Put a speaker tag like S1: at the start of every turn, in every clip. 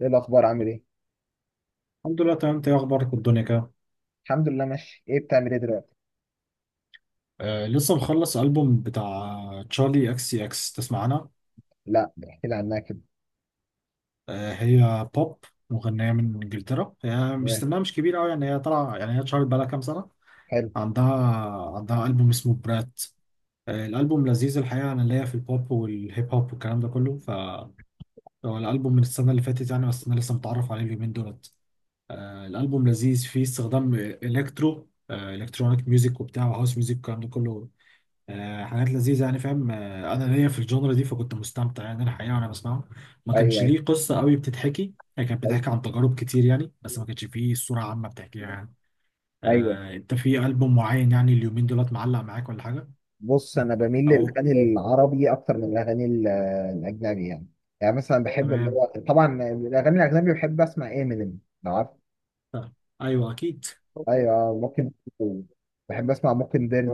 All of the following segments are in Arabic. S1: ايه الاخبار؟ عامل ايه؟
S2: الحمد لله، تمام. انت ايه اخبارك والدنيا كده؟
S1: الحمد لله ماشي. ايه بتعمل ايه دلوقتي؟
S2: لسه مخلص البوم بتاع تشارلي اكس سي اكس. تسمع عنها؟
S1: لا، احكي لي عنها كده.
S2: آه، هي بوب. مغنيه من انجلترا، هي مش
S1: إيه،
S2: سنها مش كبير قوي يعني، هي طالعه، يعني هي اتشهرت بقالها كام سنه.
S1: حلو.
S2: عندها عندها البوم اسمه برات. الالبوم لذيذ الحقيقه. انا ليا في البوب والهيب هوب والكلام ده كله. هو الالبوم من السنه اللي فاتت يعني، بس انا لسه متعرف عليه اليومين دولت. الالبوم لذيذ، فيه استخدام الكترونيك ميوزك وبتاع وهاوس ميوزك والكلام ده كله. حاجات لذيذة يعني، فاهم. أنا ليا في الجونرا دي، فكنت مستمتع يعني الحقيقة وأنا بسمعه. ما
S1: ايوه،
S2: كانش
S1: ايوه،
S2: ليه قصة قوي بتتحكي، هي كانت
S1: ايوه،
S2: بتحكي عن تجارب كتير يعني، بس ما كانش فيه صورة عامة بتحكيها يعني.
S1: ايوه.
S2: أنت في ألبوم معين يعني اليومين دولت معلق معاك ولا حاجة؟
S1: بص، انا بميل
S2: أو،
S1: للاغاني العربي اكتر من الاجنبي يعني. يعني مثلا بحب اللي
S2: تمام.
S1: هو طبعا الاغاني الاجنبي، بحب اسمع امينيم لو عارف.
S2: طيب. أيوه، أكيد.
S1: ايوه ممكن، بحب اسمع ممكن ديرز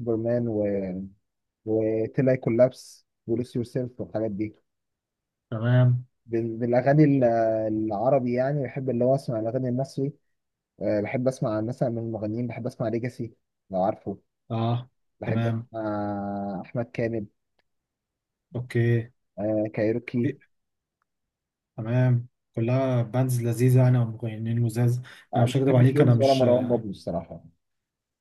S1: وبرمان وتلاي كولابس ولوس يور سيلف والحاجات دي.
S2: تمام.
S1: بالاغاني العربي يعني بحب اللي هو اسمع الاغاني المصري. بحب اسمع مثلا من المغنيين، بحب اسمع ليجاسي لو عارفه.
S2: أه.
S1: بحب
S2: تمام.
S1: اسمع احمد كامل،
S2: أوكي.
S1: كايروكي.
S2: تمام. كلها باندز لذيذة يعني، أو مغنيين لذاذ. أنا
S1: ما
S2: مش هكدب
S1: بحبش
S2: عليك، أنا
S1: ويجز ولا
S2: مش
S1: مروان بابلو الصراحه.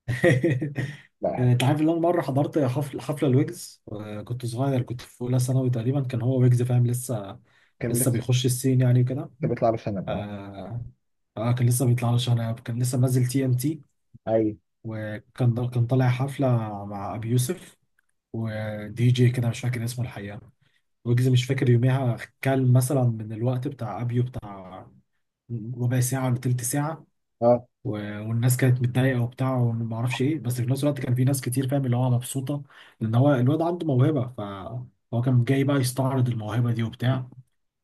S1: لا،
S2: انت عارف ان انا مره حضرت حفله الويجز، كنت صغير، كنت في اولى ثانوي تقريبا. كان هو ويجز فاهم لسه،
S1: كان
S2: لسه
S1: لسه،
S2: بيخش السين يعني وكده.
S1: كان بيطلع باشا انا.
S2: آه. كان لسه بيطلع له شنب، كان لسه منزل تي ام تي.
S1: ايوه.
S2: وكان طالع حفله مع ابي يوسف ودي جي كده مش فاكر اسمه الحقيقه. ويجز مش فاكر يوميها كان مثلا من الوقت بتاع ابيو بتاع ربع ساعه ولا تلت ساعه.
S1: اه،
S2: و... والناس كانت متضايقه وبتاع وما اعرفش ايه، بس في نفس الوقت كان في ناس كتير فاهم اللي هو مبسوطه، لان هو الواد عنده موهبه، فهو كان جاي بقى يستعرض الموهبه دي وبتاع.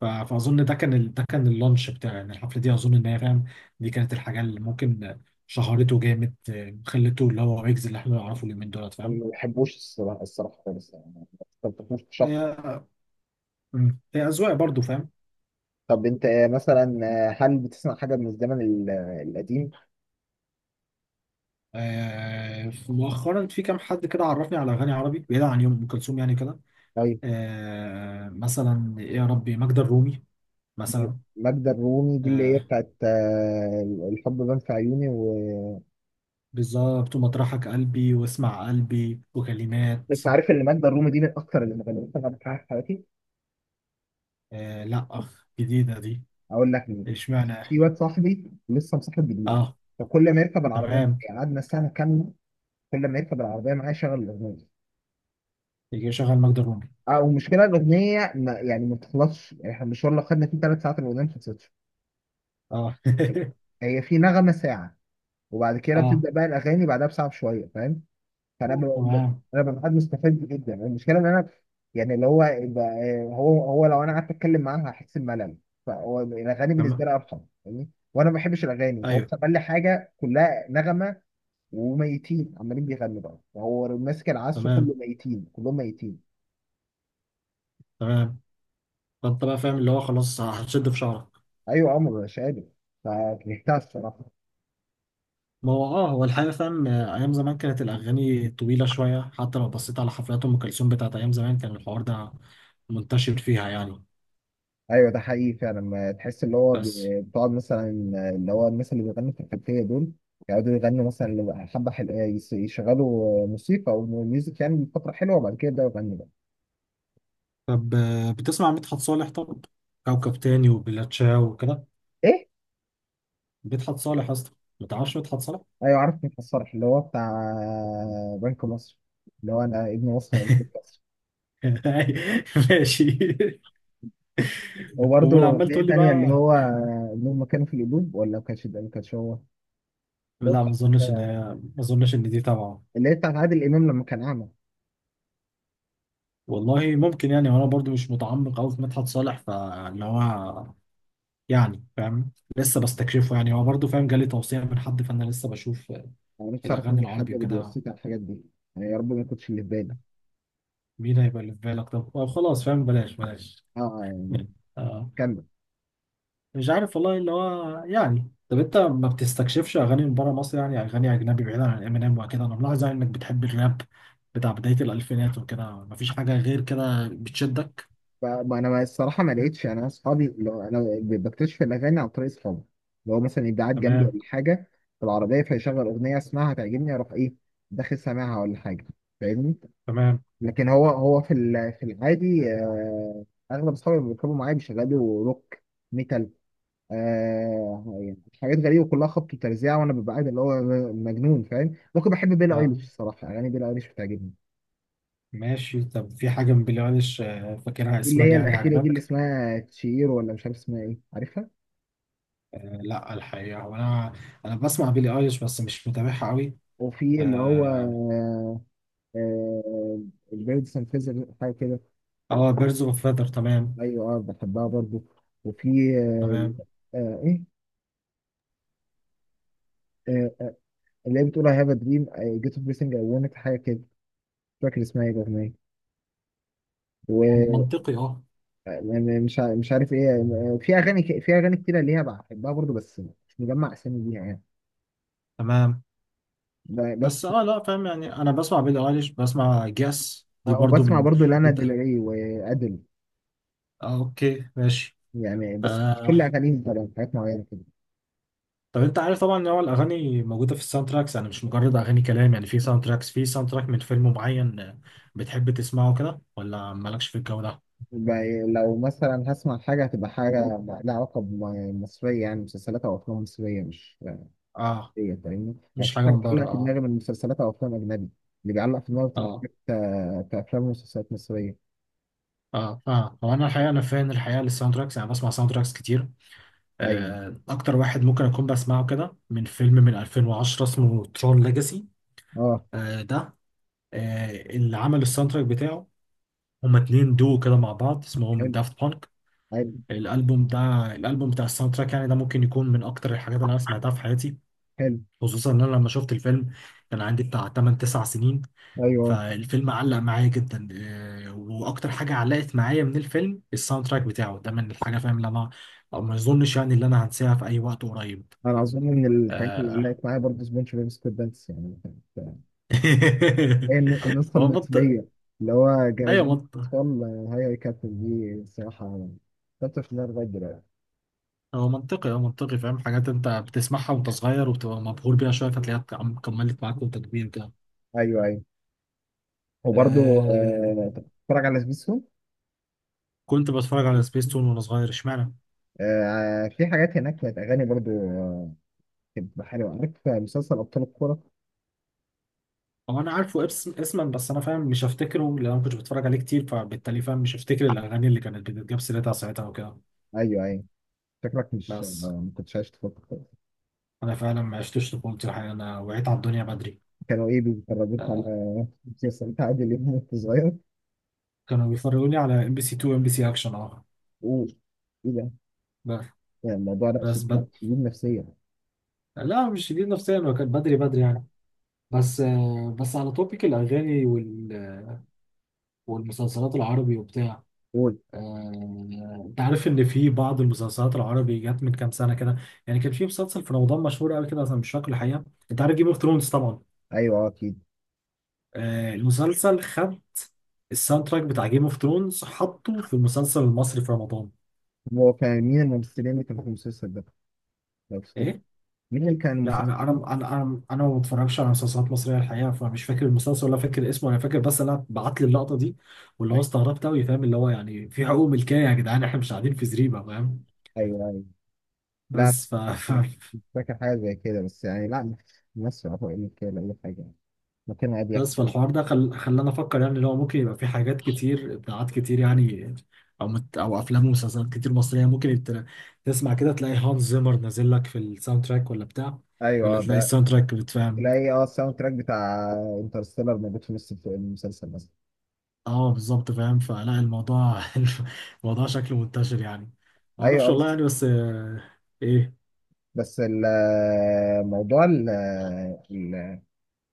S2: فاظن ده كان ده كان اللانش بتاعه يعني، الحفله دي اظن ان هي فاهم، دي كانت الحاجه اللي ممكن شهرته جامد خلته اللي هو ويجز اللي احنا نعرفه اليومين دولت
S1: انا
S2: فاهم.
S1: ما بحبوش الصراحه، الصراحه خالص يعني. ما بحبوش شخص.
S2: هي مم. هي أذواق برضو فاهم.
S1: طب انت مثلا، هل بتسمع حاجه من الزمن القديم؟
S2: مؤخرا في كام حد كده عرفني على أغاني عربي بعيدا عن يوم أم كلثوم يعني كده.
S1: ايوه.
S2: مثلا إيه يا ربي، ماجدة الرومي مثلا.
S1: ماجدة الرومي دي اللي هي
S2: آه،
S1: بتاعت الحب بان في عيوني و...
S2: بالظبط. ومطرحك قلبي واسمع قلبي وكلمات.
S1: انت عارف ان ماجدة الرومي دي من اكثر المغنيين اللي مغنيين انا بحبها في حياتي.
S2: آه، لا أخ، جديدة دي.
S1: اقول لك مين؟
S2: اشمعنى؟
S1: في واد صاحبي لسه مصاحب جديد،
S2: اه.
S1: فكل ما يركب العربيه معايا،
S2: تمام.
S1: يعني قعدنا سنه كامله، كل ما يركب العربيه معايا يشغل الاغنيه.
S2: يجي يشغل ماجدة الرومي.
S1: اه، والمشكله الاغنيه ما، يعني ما بتخلصش. يعني احنا المشوار اللي خدنا فيه ثلاث ساعات الاغنيه ما خلصتش.
S2: اه
S1: هي في نغمه ساعه، وبعد كده
S2: اه.
S1: بتبدا بقى الاغاني بعدها بساعه بشويه فاهم. فانا ب... ب-
S2: تمام.
S1: انا ببقى قاعد مستفاد جدا، المشكله ان انا، يعني هو لو انا قعدت اتكلم معاها هحس بملل، فهو الاغاني بالنسبه
S2: تمام.
S1: لي ارحم. فاهمني؟ وانا ما بحبش الاغاني فهو
S2: ايوه.
S1: بيسمع لي حاجه كلها نغمه، وميتين عمالين بيغنوا بقى، وهو ماسك العزف كله،
S2: تمام.
S1: ميتين كلهم ميتين.
S2: تمام. فانت بقى فاهم اللي هو خلاص هتشد في شعرك.
S1: ايوه عمر مش قادر، فكرهتها الصراحه.
S2: ما هو اه هو الحقيقة فاهم. أيام زمان كانت الأغاني طويلة شوية، حتى لو بصيت على حفلات أم كلثوم بتاعت أيام زمان كان الحوار ده منتشر فيها يعني.
S1: ايوه ده حقيقي فعلا. ما تحس اللي هو
S2: بس
S1: بتقعد مثلا، اللي هو الناس اللي بيغنوا في الخلفيه دول يقعدوا يغنوا مثلا حبه حلوه، يشغلوا موسيقى او ميوزك يعني فتره حلوه، وبعد كده يبداوا يغنوا بقى.
S2: طب، بتسمع عن مدحت صالح؟ طب، كوكب تاني وبلاتشاو وكده.
S1: ايه.
S2: مدحت صالح اصلا، ما تعرفش مدحت صالح؟
S1: ايوه عارف، مين الصرح اللي هو بتاع بنك مصر، اللي هو انا ابن مصر، أنا ابن مصر.
S2: ماشي. ولا
S1: وبرده في
S2: عمال تقول
S1: إيه
S2: لي
S1: تانية اللي
S2: بقى.
S1: هو اللي هم كانوا في القلوب، ولا ما كانش ده، ما كانش هو. بس
S2: لا، ما اظنش ان دي تبعه.
S1: اللي هي بتاعت عادل امام لما كان اعمى.
S2: والله ممكن يعني، وانا برضو مش متعمق قوي في مدحت صالح، فاللي هو يعني فاهم لسه بستكشفه يعني، هو برضو فاهم جالي توصية من حد فانا لسه بشوف
S1: انا نفسي اعرف مين
S2: الاغاني
S1: الحد
S2: العربي
S1: اللي
S2: وكده.
S1: بيوصيك على الحاجات دي، يعني يا رب ما كنتش اللي في بالي.
S2: مين هيبقى اللي في بالك؟ طب خلاص، فاهم، بلاش بلاش.
S1: اه يعني. كمل.
S2: مش عارف والله اللي هو يعني. طب انت ما بتستكشفش اغاني من بره مصر يعني؟ اغاني اجنبي بعيدا عن امينيم وكده، انا ملاحظ يعني انك بتحب الراب بتاع بدايه الالفينات وكده، مفيش حاجه غير كده بتشدك؟
S1: ف- ما انا ما- الصراحه ما لقيتش. يعني انا اصحابي، لو انا بكتشف الاغاني عن طريق اصحابي، اللي هو مثلا يبقى قاعد جنبي ولا
S2: تمام.
S1: حاجه في العربيه فيشغل اغنيه، اسمعها تعجبني اروح ايه داخل سامعها ولا حاجه فاهمني.
S2: تمام.
S1: لكن هو في في العادي، اغلب اصحابي اللي بيركبوا معايا بيشغلوا روك ميتال، يعني حاجات غريبه كلها خبط وترزيع، وانا ببقى قاعد اللي هو مجنون فاهم. ممكن بحب بيلي ايليش
S2: يعني
S1: الصراحه، اغاني بيلي ايليش بتعجبني.
S2: ماشي. طب في حاجه من بيلي ايليش فاكرها
S1: اللي
S2: اسما
S1: هي
S2: يعني
S1: الاخيره دي اللي
S2: عجبك؟
S1: اسمها تشير ولا مش عارف اسمها ايه، عارفها؟
S2: آه، لا الحقيقه، هو انا، انا بسمع بيلي ايليش بس مش متابعها قوي.
S1: وفي اللي هو
S2: اه.
S1: آه البيرد سنفيزر حاجه كده.
S2: بيرز اوف فيذر، تمام.
S1: ايوه اه بحبها برضو. وفي
S2: تمام.
S1: آه ايه آه آه اللي هي بتقول I have a dream I get up everything I wanted حاجه كده، مش فاكر اسمها ايه الاغنيه.
S2: منطقي، اه.
S1: م- مش عارف ايه، في في اغاني كتيره ليها بحبها برضو، بس مش مجمع اسامي ليها يعني.
S2: تمام. بس
S1: بس
S2: اه، لا فاهم يعني، انا بسمع بيلي ايليش، بسمع جاس دي برضو
S1: وبسمع
S2: من
S1: برضو لانا ديل
S2: جدا.
S1: ري وادل،
S2: آه، اوكي ماشي.
S1: يعني بس مش كل
S2: آه
S1: اغانيهم طبعا، حاجات معينه كده.
S2: طب انت عارف طبعا ان هو الاغاني موجوده في الساوند تراكس، يعني مش مجرد اغاني كلام يعني. في ساوند تراكس، في ساوند تراك من فيلم معين بتحب تسمعه كده ولا مالكش في الجو ده؟
S1: ب- لو مثلا هسمع حاجه هتبقى حاجه لها علاقه بمصريه، يعني مسلسلات او افلام مصريه، مش
S2: اه.
S1: ايه فاهمني، يعني
S2: مش
S1: في
S2: حاجه
S1: حاجه
S2: من بره،
S1: بتعلق في دماغي من مسلسلات او افلام اجنبي. اللي بيعلق في دماغي بتبقى
S2: اه
S1: حاجات كافلام ومسلسلات مصريه.
S2: اه هو انا الحقيقه، انا فان الحقيقه للساوند تراكس، يعني بسمع ساوند تراكس كتير.
S1: ايوه
S2: اكتر واحد ممكن اكون بسمعه كده من فيلم من 2010 اسمه ترون ليجاسي.
S1: اه،
S2: ده اللي عمل الساوند تراك بتاعه، هما اتنين دو كده مع بعض اسمهم
S1: حلو
S2: دافت بانك.
S1: حلو
S2: الالبوم ده، الالبوم بتاع الساوند تراك يعني، ده ممكن يكون من اكتر الحاجات اللي انا سمعتها في حياتي.
S1: حلو.
S2: خصوصا ان انا لما شفت الفيلم كان عندي بتاع 8 9 سنين،
S1: ايوه،
S2: فالفيلم علق معايا جدا. واكتر حاجه علقت معايا من الفيلم الساوند تراك بتاعه ده، من الحاجه فاهم اللي انا، أو ما اظنش يعني اللي انا هنساها في اي وقت قريب.
S1: انا اظن من الحاجات اللي
S2: آه.
S1: علقت معايا برضه سبونج بوب سكويربانس يعني. كانت هي النسخه
S2: ما بط...
S1: المصريه اللي هو جوازين
S2: ايوه.
S1: اطفال. هاي يا كابتن دي الصراحه كنت في النار لغايه دلوقتي.
S2: هو منطقي، هو منطقي فاهم، حاجات انت بتسمعها وانت صغير وبتبقى مبهور بيها شويه فتلاقيها كملت معاك وانت كبير كده.
S1: ايوه ايوه. وبرضه
S2: آه.
S1: أنت بتتفرج على سبيستون.
S2: كنت بتفرج على سبيس تون وانا صغير اشمعنى.
S1: في حاجات هناك كانت اغاني برضه كانت بتبقى حلوه، عارف مسلسل ابطال الكوره؟
S2: هو انا عارفه اسما، بس انا فاهم مش هفتكره، لان انا ما كنتش بتفرج عليه كتير فبالتالي فاهم مش هفتكر الاغاني اللي كانت بتتجاب سيرتها ساعتها وكده.
S1: ايوه ايوه. شكلك مش،
S2: بس
S1: ما كنتش عايش تفكر.
S2: انا فعلا ما عشتش طفولتي الحقيقه، انا وعيت على الدنيا بدري.
S1: كانوا ايه، بيتفرجوك
S2: آه.
S1: على مسلسلات عادل امام وانت صغير؟
S2: كانوا بيفرجوني على ام بي سي 2، ام بي سي اكشن، اه.
S1: و... ايه ده؟
S2: بس.
S1: يعني الموضوع ده
S2: بس
S1: لا،
S2: بد...
S1: شديد نفسيا.
S2: لا مش شديد نفسيا، هو كان بدري بدري يعني. بس بس على توبيك الأغاني والمسلسلات العربي وبتاع.
S1: قول.
S2: أنت عارف إن في بعض المسلسلات العربي جت من كام سنة كده، يعني كان في مسلسل في رمضان مشهور قوي كده أنا مش فاكر الحقيقة. أنت عارف جيم أوف ثرونز طبعا؟
S1: ايوه اكيد.
S2: المسلسل خد الساوند تراك بتاع جيم أوف ثرونز حطه في المسلسل المصري في رمضان.
S1: هو كان مين الممثلين اللي كانوا في المسلسل ده لو تفتكر؟
S2: إيه؟
S1: مين اللي كان
S2: لا انا
S1: الممثلين؟
S2: انا انا انا انا ما بتفرجش على مسلسلات مصريه الحقيقه، فمش فاكر المسلسل ولا فاكر اسمه، انا فاكر بس انا بعت لي اللقطه دي واللي هو
S1: ايوه
S2: استغربت قوي فاهم اللي هو يعني، في حقوق ملكيه يا جدعان، احنا مش قاعدين في زريبه فاهم.
S1: ايوه ايوه. لا
S2: بس ف... ف...
S1: مش فاكر حاجه زي كده بس، يعني لا، ممثل عطاء اللي كده اي حاجه يعني، مكان عادي
S2: بس
S1: يحكي.
S2: فالحوار ده خلاني افكر يعني، اللي هو ممكن يبقى في حاجات كتير، ابداعات كتير يعني، او افلام ومسلسلات كتير مصريه، ممكن انت تسمع كده تلاقي هانز زيمر نازل لك في الساوند تراك ولا بتاع،
S1: ايوه
S2: ولا تلاقي
S1: ده
S2: الساوند تراك بتفهم.
S1: تلاقي الساوند تراك بتاع انترستيلر موجود في نص المسلسل مثلا.
S2: اه بالظبط فاهم، فلا الموضوع الموضوع شكله منتشر يعني. ما
S1: ايوه
S2: اعرفش
S1: اه
S2: والله
S1: بس.
S2: يعني، بس ايه،
S1: بس الموضوع،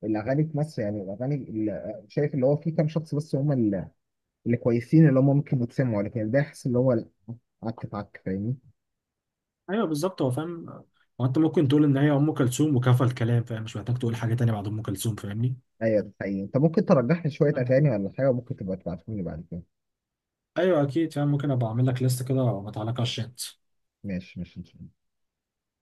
S1: الاغاني في مصر يعني شايف اللي هو في كام شخص بس هم اللي كويسين اللي هم ممكن يتسمعوا، لكن ده يحس اللي هو لا، عك في عك فاهمني.
S2: ايوه بالظبط هو فاهم. هو انت ممكن تقول ان هي ام كلثوم وكفى الكلام، فاهم مش محتاج تقول حاجه تانية بعد ام كلثوم فاهمني.
S1: ايوه ده حقيقي، انت ممكن ترجح لي شويه اغاني ولا حاجه، ممكن تبقى تبعتهم لي بعد كده.
S2: ايوه اكيد فاهم، ممكن ابقى اعمل لك ليست كده وابعتها لك على الشات.
S1: ماشي ماشي.